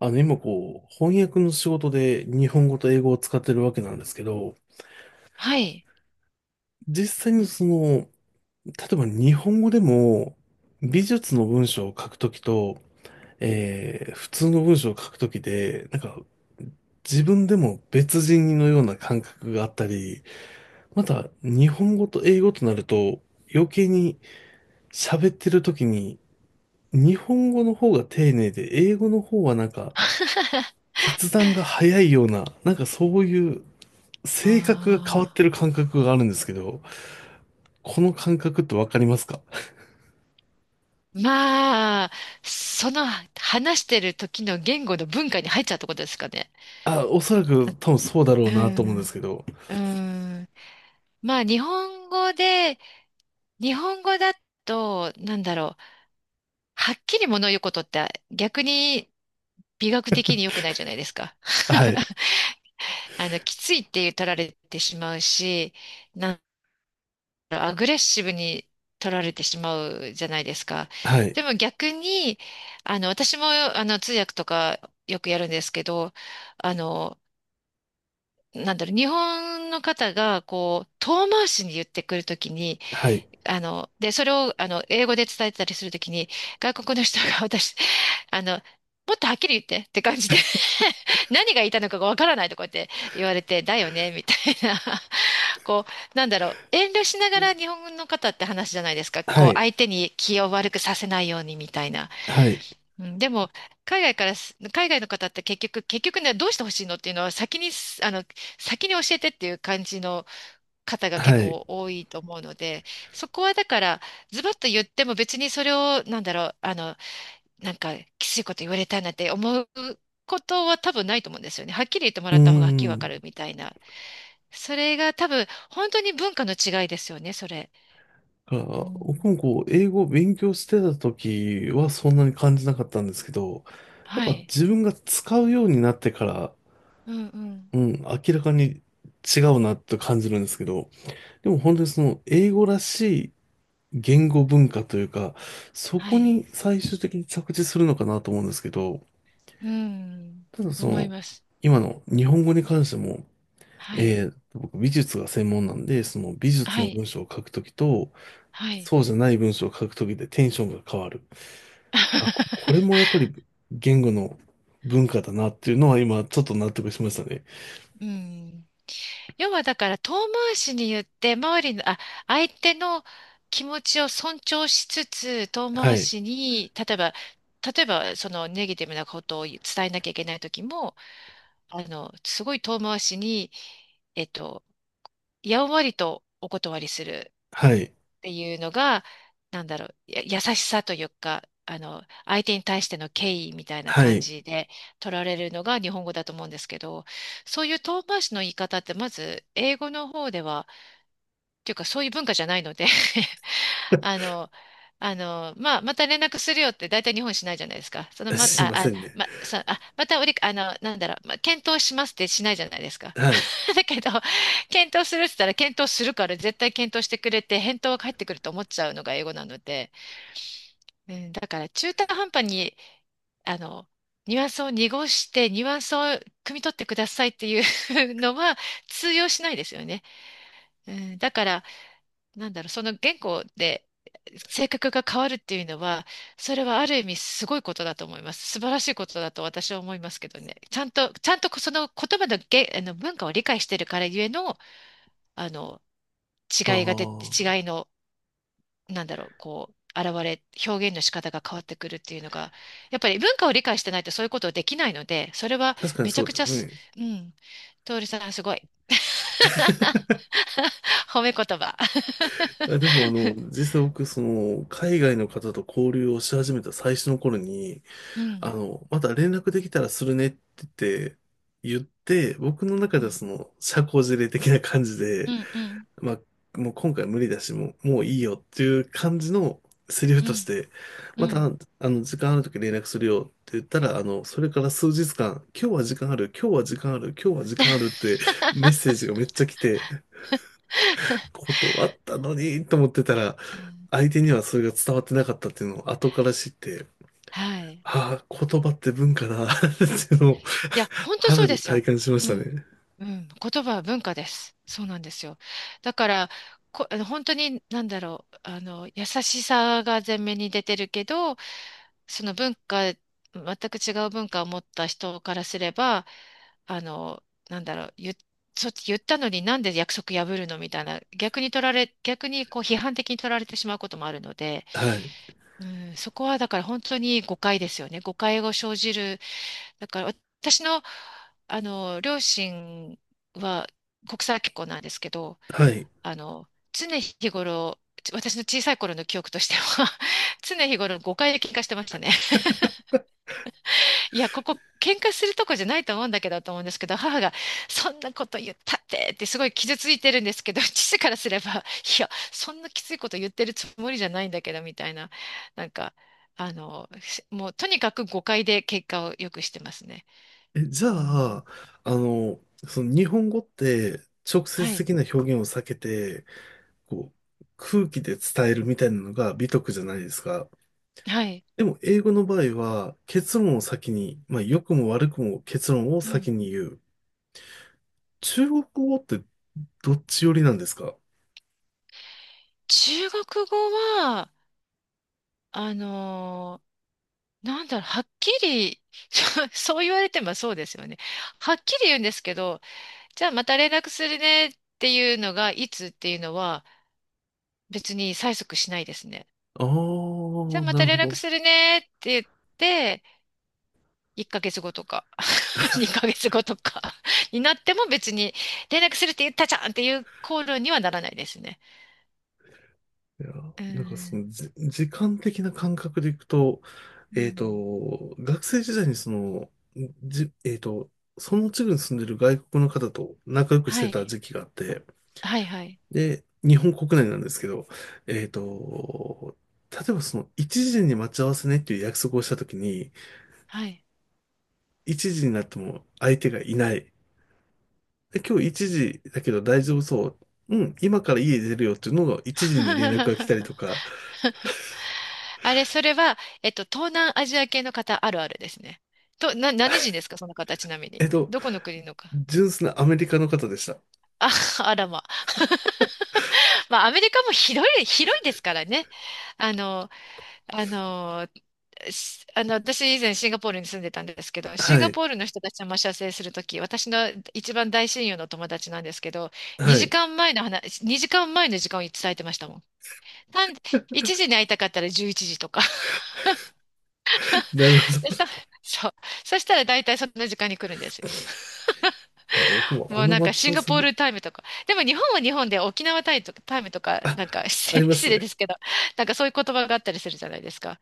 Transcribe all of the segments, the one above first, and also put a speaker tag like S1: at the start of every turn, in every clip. S1: 今こう、翻訳の仕事で日本語と英語を使ってるわけなんですけど、
S2: はい。
S1: 実際に例えば日本語でも美術の文章を書くときと、普通の文章を書くときで、なんか自分でも別人のような感覚があったり、また日本語と英語となると余計に喋ってる時に日本語の方が丁寧で英語の方はなんか決断が早いような、なんかそういう性格が変わっ
S2: あ
S1: てる感覚があるんですけど、この感覚ってわかりますか？
S2: まあ、その話してる時の言語の文化に入っちゃうってことですかね。
S1: あ、おそらく多分そうだろ
S2: う
S1: うなと思うんで
S2: ん、
S1: すけど。
S2: うん。まあ、日本語だと、なんだろう、はっきり物を言うことって逆に美学的に良くないじゃないですか。
S1: はい。
S2: きついって取られてしまうし、なアグレッシブに取られてしまうじゃないですか。
S1: はい。
S2: でも逆に、私も、通訳とかよくやるんですけど、あの、なんだろう、日本の方が、こう、遠回しに言ってくるときに、
S1: はい。
S2: で、それを、英語で伝えてたりするときに、外国の人が私あの、もっとはっきり言ってって感じで 何が言いたいのかがわからないとこうやって言われて、だよねみたいな。 こう、なんだろう、遠慮しながら日本の方って話じゃないですか。
S1: は
S2: こう、
S1: い。
S2: 相手に気を悪くさせないようにみたいな。
S1: はい。
S2: うん、でも、海外からす、海外の方って結局ね、どうしてほしいのっていうのは先にす、あの、先に教えてっていう感じの方が
S1: は
S2: 結
S1: い。う
S2: 構多いと思うので、そこはだから、ズバッと言っても別にそれを、なんだろう、なんかきついこと言われたいなって思うことは多分ないと思うんですよね。はっきり言っても
S1: ー
S2: らった方がはっきりわか
S1: ん。
S2: るみたいな。それが多分本当に文化の違いですよね、それ。
S1: だから
S2: う
S1: 僕
S2: ん。
S1: もこう、英語を勉強してた時はそんなに感じなかったんですけど、やっ
S2: は
S1: ぱ
S2: い。
S1: 自分が使うようになってから、
S2: うんうん。
S1: うん、明らかに違うなと感じるんですけど、でも本当にその英語らし言語文化というか、そ
S2: は
S1: こ
S2: い。
S1: に最終的に着地するのかなと思うんですけど、
S2: うん。
S1: ただ
S2: 思います。
S1: 今の日本語に関しても、
S2: はい。
S1: 僕美術が専門なんで、その美術
S2: は
S1: の
S2: い。
S1: 文章を書くときと、
S2: はい。
S1: そうじゃない文章を書くときでテンションが変わる。あ、ここれもやっぱり言語の文化だなっていうのは今ちょっと納得しましたね。
S2: うん。要はだから遠回しに言って周りの、あ、相手の気持ちを尊重しつつ遠
S1: は
S2: 回
S1: い。
S2: しに、例えばそのネガティブなことを伝えなきゃいけない時も、すごい遠回しに、えっと、やんわりとお断りする
S1: はい。
S2: っていうのが、なんだろう、優しさというか、相手に対しての敬意みたいな
S1: は
S2: 感
S1: い。
S2: じで取られるのが日本語だと思うんですけど、そういう遠回しの言い方ってまず英語の方では、っていうかそういう文化じゃないので あの、まあ、また連絡するよって大体日本しないじゃないですか。その ま、あ、
S1: すいま
S2: あ、
S1: せんね。
S2: ま、さ、あ、またおり、あの、なんだろう、検討しますってしないじゃないですか。
S1: はい。
S2: だけど、検討するって言ったら、検討するから絶対検討してくれて、返答が返ってくると思っちゃうのが英語なので、うん、だから中途半端に、あの、ニュアンスを濁して、ニュアンスを汲み取ってくださいっていう のは通用しないですよね。うん、だから、なんだろう、その言語で性格が変わるっていうのは、それはある意味すごいことだと思います。素晴らしいことだと私は思いますけどね。ちゃんとその言葉のげ、あの文化を理解してるからゆえの、あの、
S1: あ
S2: 違いが出て、
S1: あ、
S2: 違いの、なんだろう、こう、表現の仕方が変わってくるっていうのが、やっぱり文化を理解してないとそういうことできないので、それは
S1: 確かに
S2: めち
S1: そ
S2: ゃ
S1: う
S2: く
S1: で
S2: ち
S1: す
S2: ゃす、
S1: ね。
S2: うん、徹さんすごい。褒め言葉。
S1: いや、でも実際僕、海外の方と交流をし始めた最初の頃に、
S2: うん、
S1: また連絡できたらするねってて、言って僕の中
S2: う
S1: では
S2: ん、
S1: 社交辞令的な感じ
S2: う
S1: で、
S2: ん、うん、
S1: まあ、もう今回無理だし、もういいよっていう感じのセリフ
S2: う
S1: とし
S2: ん、
S1: て、
S2: う
S1: また、
S2: ん。
S1: 時間ある時連絡するよって言ったら、それから数日間、今日は時間ある、今日は時間ある、今日は時間あるっ てメッセージがめっちゃ来て、断ったのにと思ってたら、
S2: うん、
S1: 相手にはそれが伝わってなかったっていうのを後から知って、
S2: はい。
S1: ああ、言葉って文化だ っていうのを
S2: いや、本当そう
S1: 肌
S2: で
S1: で
S2: すよ。
S1: 体感しまし
S2: う
S1: た
S2: ん。
S1: ね。
S2: うん。言葉は文化です。そうなんですよ。だから、こ、あの本当に、なんだろう、優しさが前面に出てるけど、その文化、全く違う文化を持った人からすれば、あの、なんだろう、言ったのになんで約束破るのみたいな、逆に取られ、逆にこう批判的に取られてしまうこともあるので、
S1: はい。
S2: うん、そこはだから本当に誤解ですよね。誤解を生じるだから私の、あの両親は国際結婚なんですけど、
S1: はい。
S2: 常日頃、私の小さい頃の記憶としては 常日頃誤解で喧嘩してましたね。いや、ここ喧嘩するとこじゃないと思うんだけどと思うんですけど、母がそんなこと言ったってってすごい傷ついてるんですけど、父からすれば、いや、そんなきついこと言ってるつもりじゃないんだけどみたいな、なんか、もうとにかく誤解で結果をよくしてますね。
S1: え、じゃ
S2: うん。
S1: あ、あの、その日本語って直
S2: は
S1: 接
S2: い。
S1: 的な表現を避けて、こう、空気で伝えるみたいなのが美徳じゃないですか。
S2: はい。
S1: でも英語の場合は結論を先に、まあ良くも悪くも結論を
S2: う
S1: 先
S2: ん。
S1: に言う。中国語ってどっち寄りなんですか？
S2: 中国語は、あのーなんだろう、はっきり、そうそう言われてもそうですよね。はっきり言うんですけど、じゃあまた連絡するねっていうのが、いつっていうのは別に催促しないですね。
S1: ああ
S2: じゃあ
S1: ー、
S2: ま
S1: な
S2: た
S1: る
S2: 連
S1: ほ
S2: 絡
S1: ど。
S2: するねって言って、1ヶ月後とか、2ヶ月後とか になっても別に、連絡するって言ったじゃんっていう口論にはならないですね。
S1: いや、
S2: う
S1: なんか
S2: ん。
S1: 時間的な感覚でいくと、
S2: うん、
S1: 学生時代にその、じ、えっと、その地区に住んでる外国の方と仲良くし
S2: は
S1: てた
S2: い。
S1: 時期があって、
S2: はいはい。
S1: で、日本国内なんですけど、えっと、例えばその一時に待ち合わせねっていう約束をしたときに、
S2: はい。
S1: 一時になっても相手がいない。で、今日一時だけど大丈夫そう。うん、今から家出るよっていうのが一時に連絡が来たりと か、
S2: あれ、それは、東南アジア系の方あるあるですね。何人ですか、その方、ちなみ
S1: えっ
S2: に。
S1: と、
S2: どこの国のか。
S1: 純粋なアメリカの方でした。
S2: あ、あらま。まあ、アメリカも広い、広いですからね。あの、あの、すあの、私以前シンガポールに住んでたんですけど、シン
S1: は
S2: ガ
S1: い、
S2: ポールの人たちが待ち合わせするとき、私の一番大親友の友達なんですけど、
S1: は
S2: 2
S1: い。
S2: 時間前の話、2時間前の時間を伝えてましたもん。単1時に会いたかったら11時とか。
S1: なるほ
S2: で、さ、
S1: ど。
S2: そう。そしたら大体その時間に来るんですよ。
S1: いや、僕もあ
S2: もう
S1: の
S2: なんか
S1: 待ち合
S2: シン
S1: わ
S2: ガ
S1: せ
S2: ポー
S1: も、
S2: ルタイムとか。でも日本は日本で沖縄タイとか、タイムとか、
S1: あ、
S2: なんか
S1: ありま
S2: 失
S1: す
S2: 礼で
S1: ね。
S2: すけど、なんかそういう言葉があったりするじゃないですか。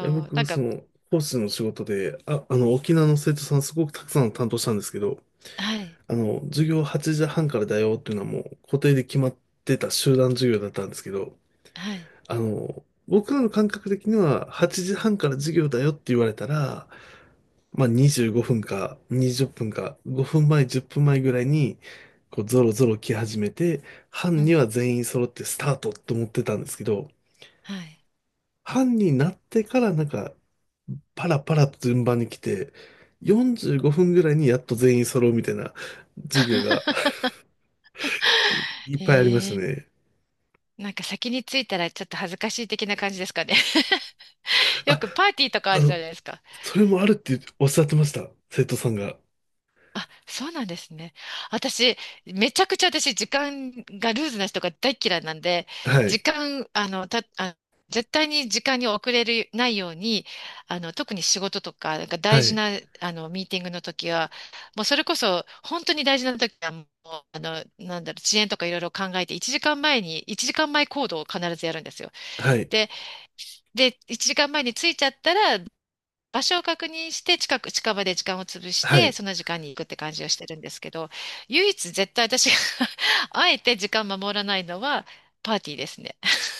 S1: いや、
S2: う。な
S1: 僕、
S2: んか、
S1: 講師の仕事で、沖縄の生徒さんすごくたくさん担当したんですけど、
S2: はい。
S1: 授業8時半からだよっていうのはもう固定で決まってた集団授業だったんですけど、
S2: はい。
S1: 僕らの感覚的には8時半から授業だよって言われたら、まあ25分か20分か5分前、10分前ぐらいにこうゾロゾロ来始めて、
S2: う
S1: 班に
S2: ん。
S1: は全員揃ってスタートと思ってたんですけど、
S2: はい。
S1: 班になってからなんかパラパラと順番に来て、45分ぐらいにやっと全員揃うみたいな授業が いっぱいありまし
S2: へ
S1: た
S2: え、
S1: ね。
S2: なんか先に着いたらちょっと恥ずかしい的な感じですかね。よ
S1: あ、
S2: くパーティーとかあ
S1: あ
S2: るじゃ
S1: の、
S2: ないですか。
S1: それもあるっておっしゃってました。生徒さんが。
S2: あ、そうなんですね。私、めちゃくちゃ私、時間がルーズな人が大っ嫌いなんで、
S1: は
S2: 時
S1: い。
S2: 間、あの、た、あ、絶対に時間に遅れるないように、特に仕事とか、なんか
S1: は
S2: 大事
S1: い。
S2: な、ミーティングの時は、もうそれこそ、本当に大事な時は、もう、なんだろう、遅延とかいろいろ考えて、1時間前に、1時間前行動を必ずやるんですよ。
S1: はい。
S2: で、1時間前に着いちゃったら、場所を確認して近場で時間を潰し
S1: は
S2: て、
S1: い。
S2: その時間に行くって感じをしてるんですけど、唯一絶対私が あえて時間守らないのはパーティーですね。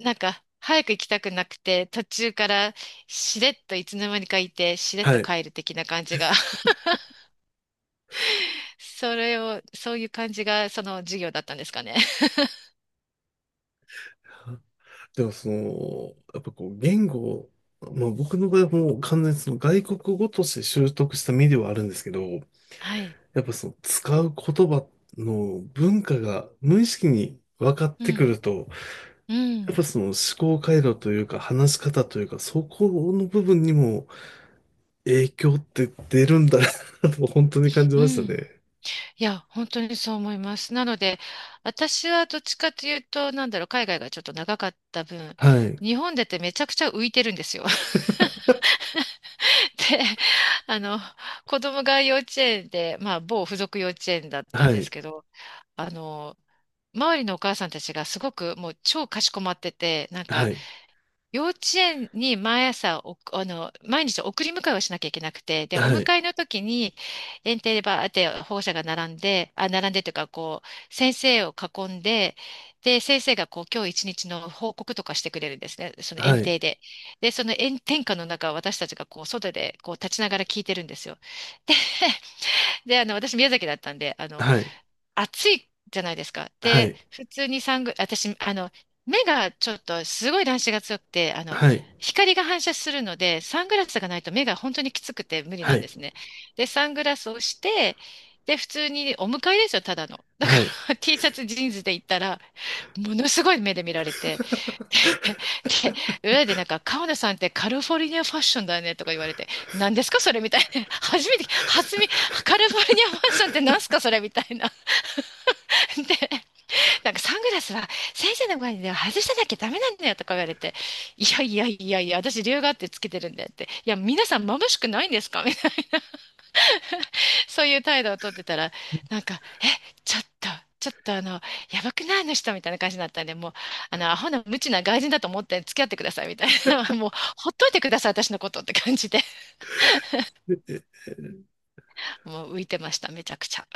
S2: なんか、早く行きたくなくて、途中からしれっといつの間にかいて、しれっ
S1: は
S2: と
S1: い。
S2: 帰る的な感じが それを、そういう感じがその授業だったんですかね。
S1: でも、やっぱこう、言語、まあ僕の場合はもう完全にその外国語として習得した身ではあるんですけど、
S2: はい。
S1: やっぱその使う言葉の文化が無意識に分かっ
S2: う
S1: てく
S2: ん。
S1: ると、
S2: う
S1: やっぱ
S2: ん。
S1: その思考回路というか話し方というか、そこの部分にも影響って出るんだなと本当に感じ
S2: う
S1: ました
S2: ん。
S1: ね。
S2: いや、本当にそう思います。なので、私はどっちかというと、なんだろう、海外がちょっと長かった分、
S1: はい。
S2: 日本でってめちゃくちゃ浮いてるんですよ。で、あの、子供が幼稚園で、まあ、某付属幼稚園だった
S1: は
S2: んです
S1: い。
S2: けど、あの、周りのお母さんたちがすごくもう超かしこまってて、なん
S1: は
S2: か、
S1: い。
S2: 幼稚園に毎朝お、あの、毎日送り迎えをしなきゃいけなくて、で、お
S1: はい。
S2: 迎えの時に、園庭でバーって保護者が並んで、あ、並んでというか、こう、先生を囲んで、で、先生がこう、今日一日の報告とかしてくれるんですね、その
S1: は
S2: 園
S1: い。
S2: 庭で。で、その炎天下の中、私たちがこう、外でこう、立ちながら聞いてるんですよ。で、で、私宮崎だったんで、
S1: はい。
S2: 暑いじゃないですか。
S1: は
S2: で、
S1: い。
S2: 普通にサング、私、目がちょっとすごい乱視が強くて、
S1: はい。
S2: 光が反射するので、サングラスがないと目が本当にきつくて無理な
S1: は
S2: んで
S1: い。
S2: すね。で、サングラスをして、で、普通にお迎えですよ、ただの。だか
S1: はい。
S2: ら T シャツ、ジーンズで行ったら、ものすごい目で見られて、で、裏でなんか、川野さんってカリフォルニアファッションだねとか言われて、何ですかそれみたいな。初めて、初め、カリフォルニアファッションって何すかそれみたいな。でなんかサングラスは先生の前では外しただけダメなんだよとか言われて、いやいやいやいや、私理由があってつけてるんだよって、いや、皆さん眩しくないんですかみたいな、そういう態度をとってたら、なんか、ちょっと、ちょっとやばくないあの人みたいな感じになったんで、もう、アホな無知な外人だと思って付き合ってくださいみたいな、もう、ほっといてください、私のことって感じで、もう浮いてました、めちゃくちゃ。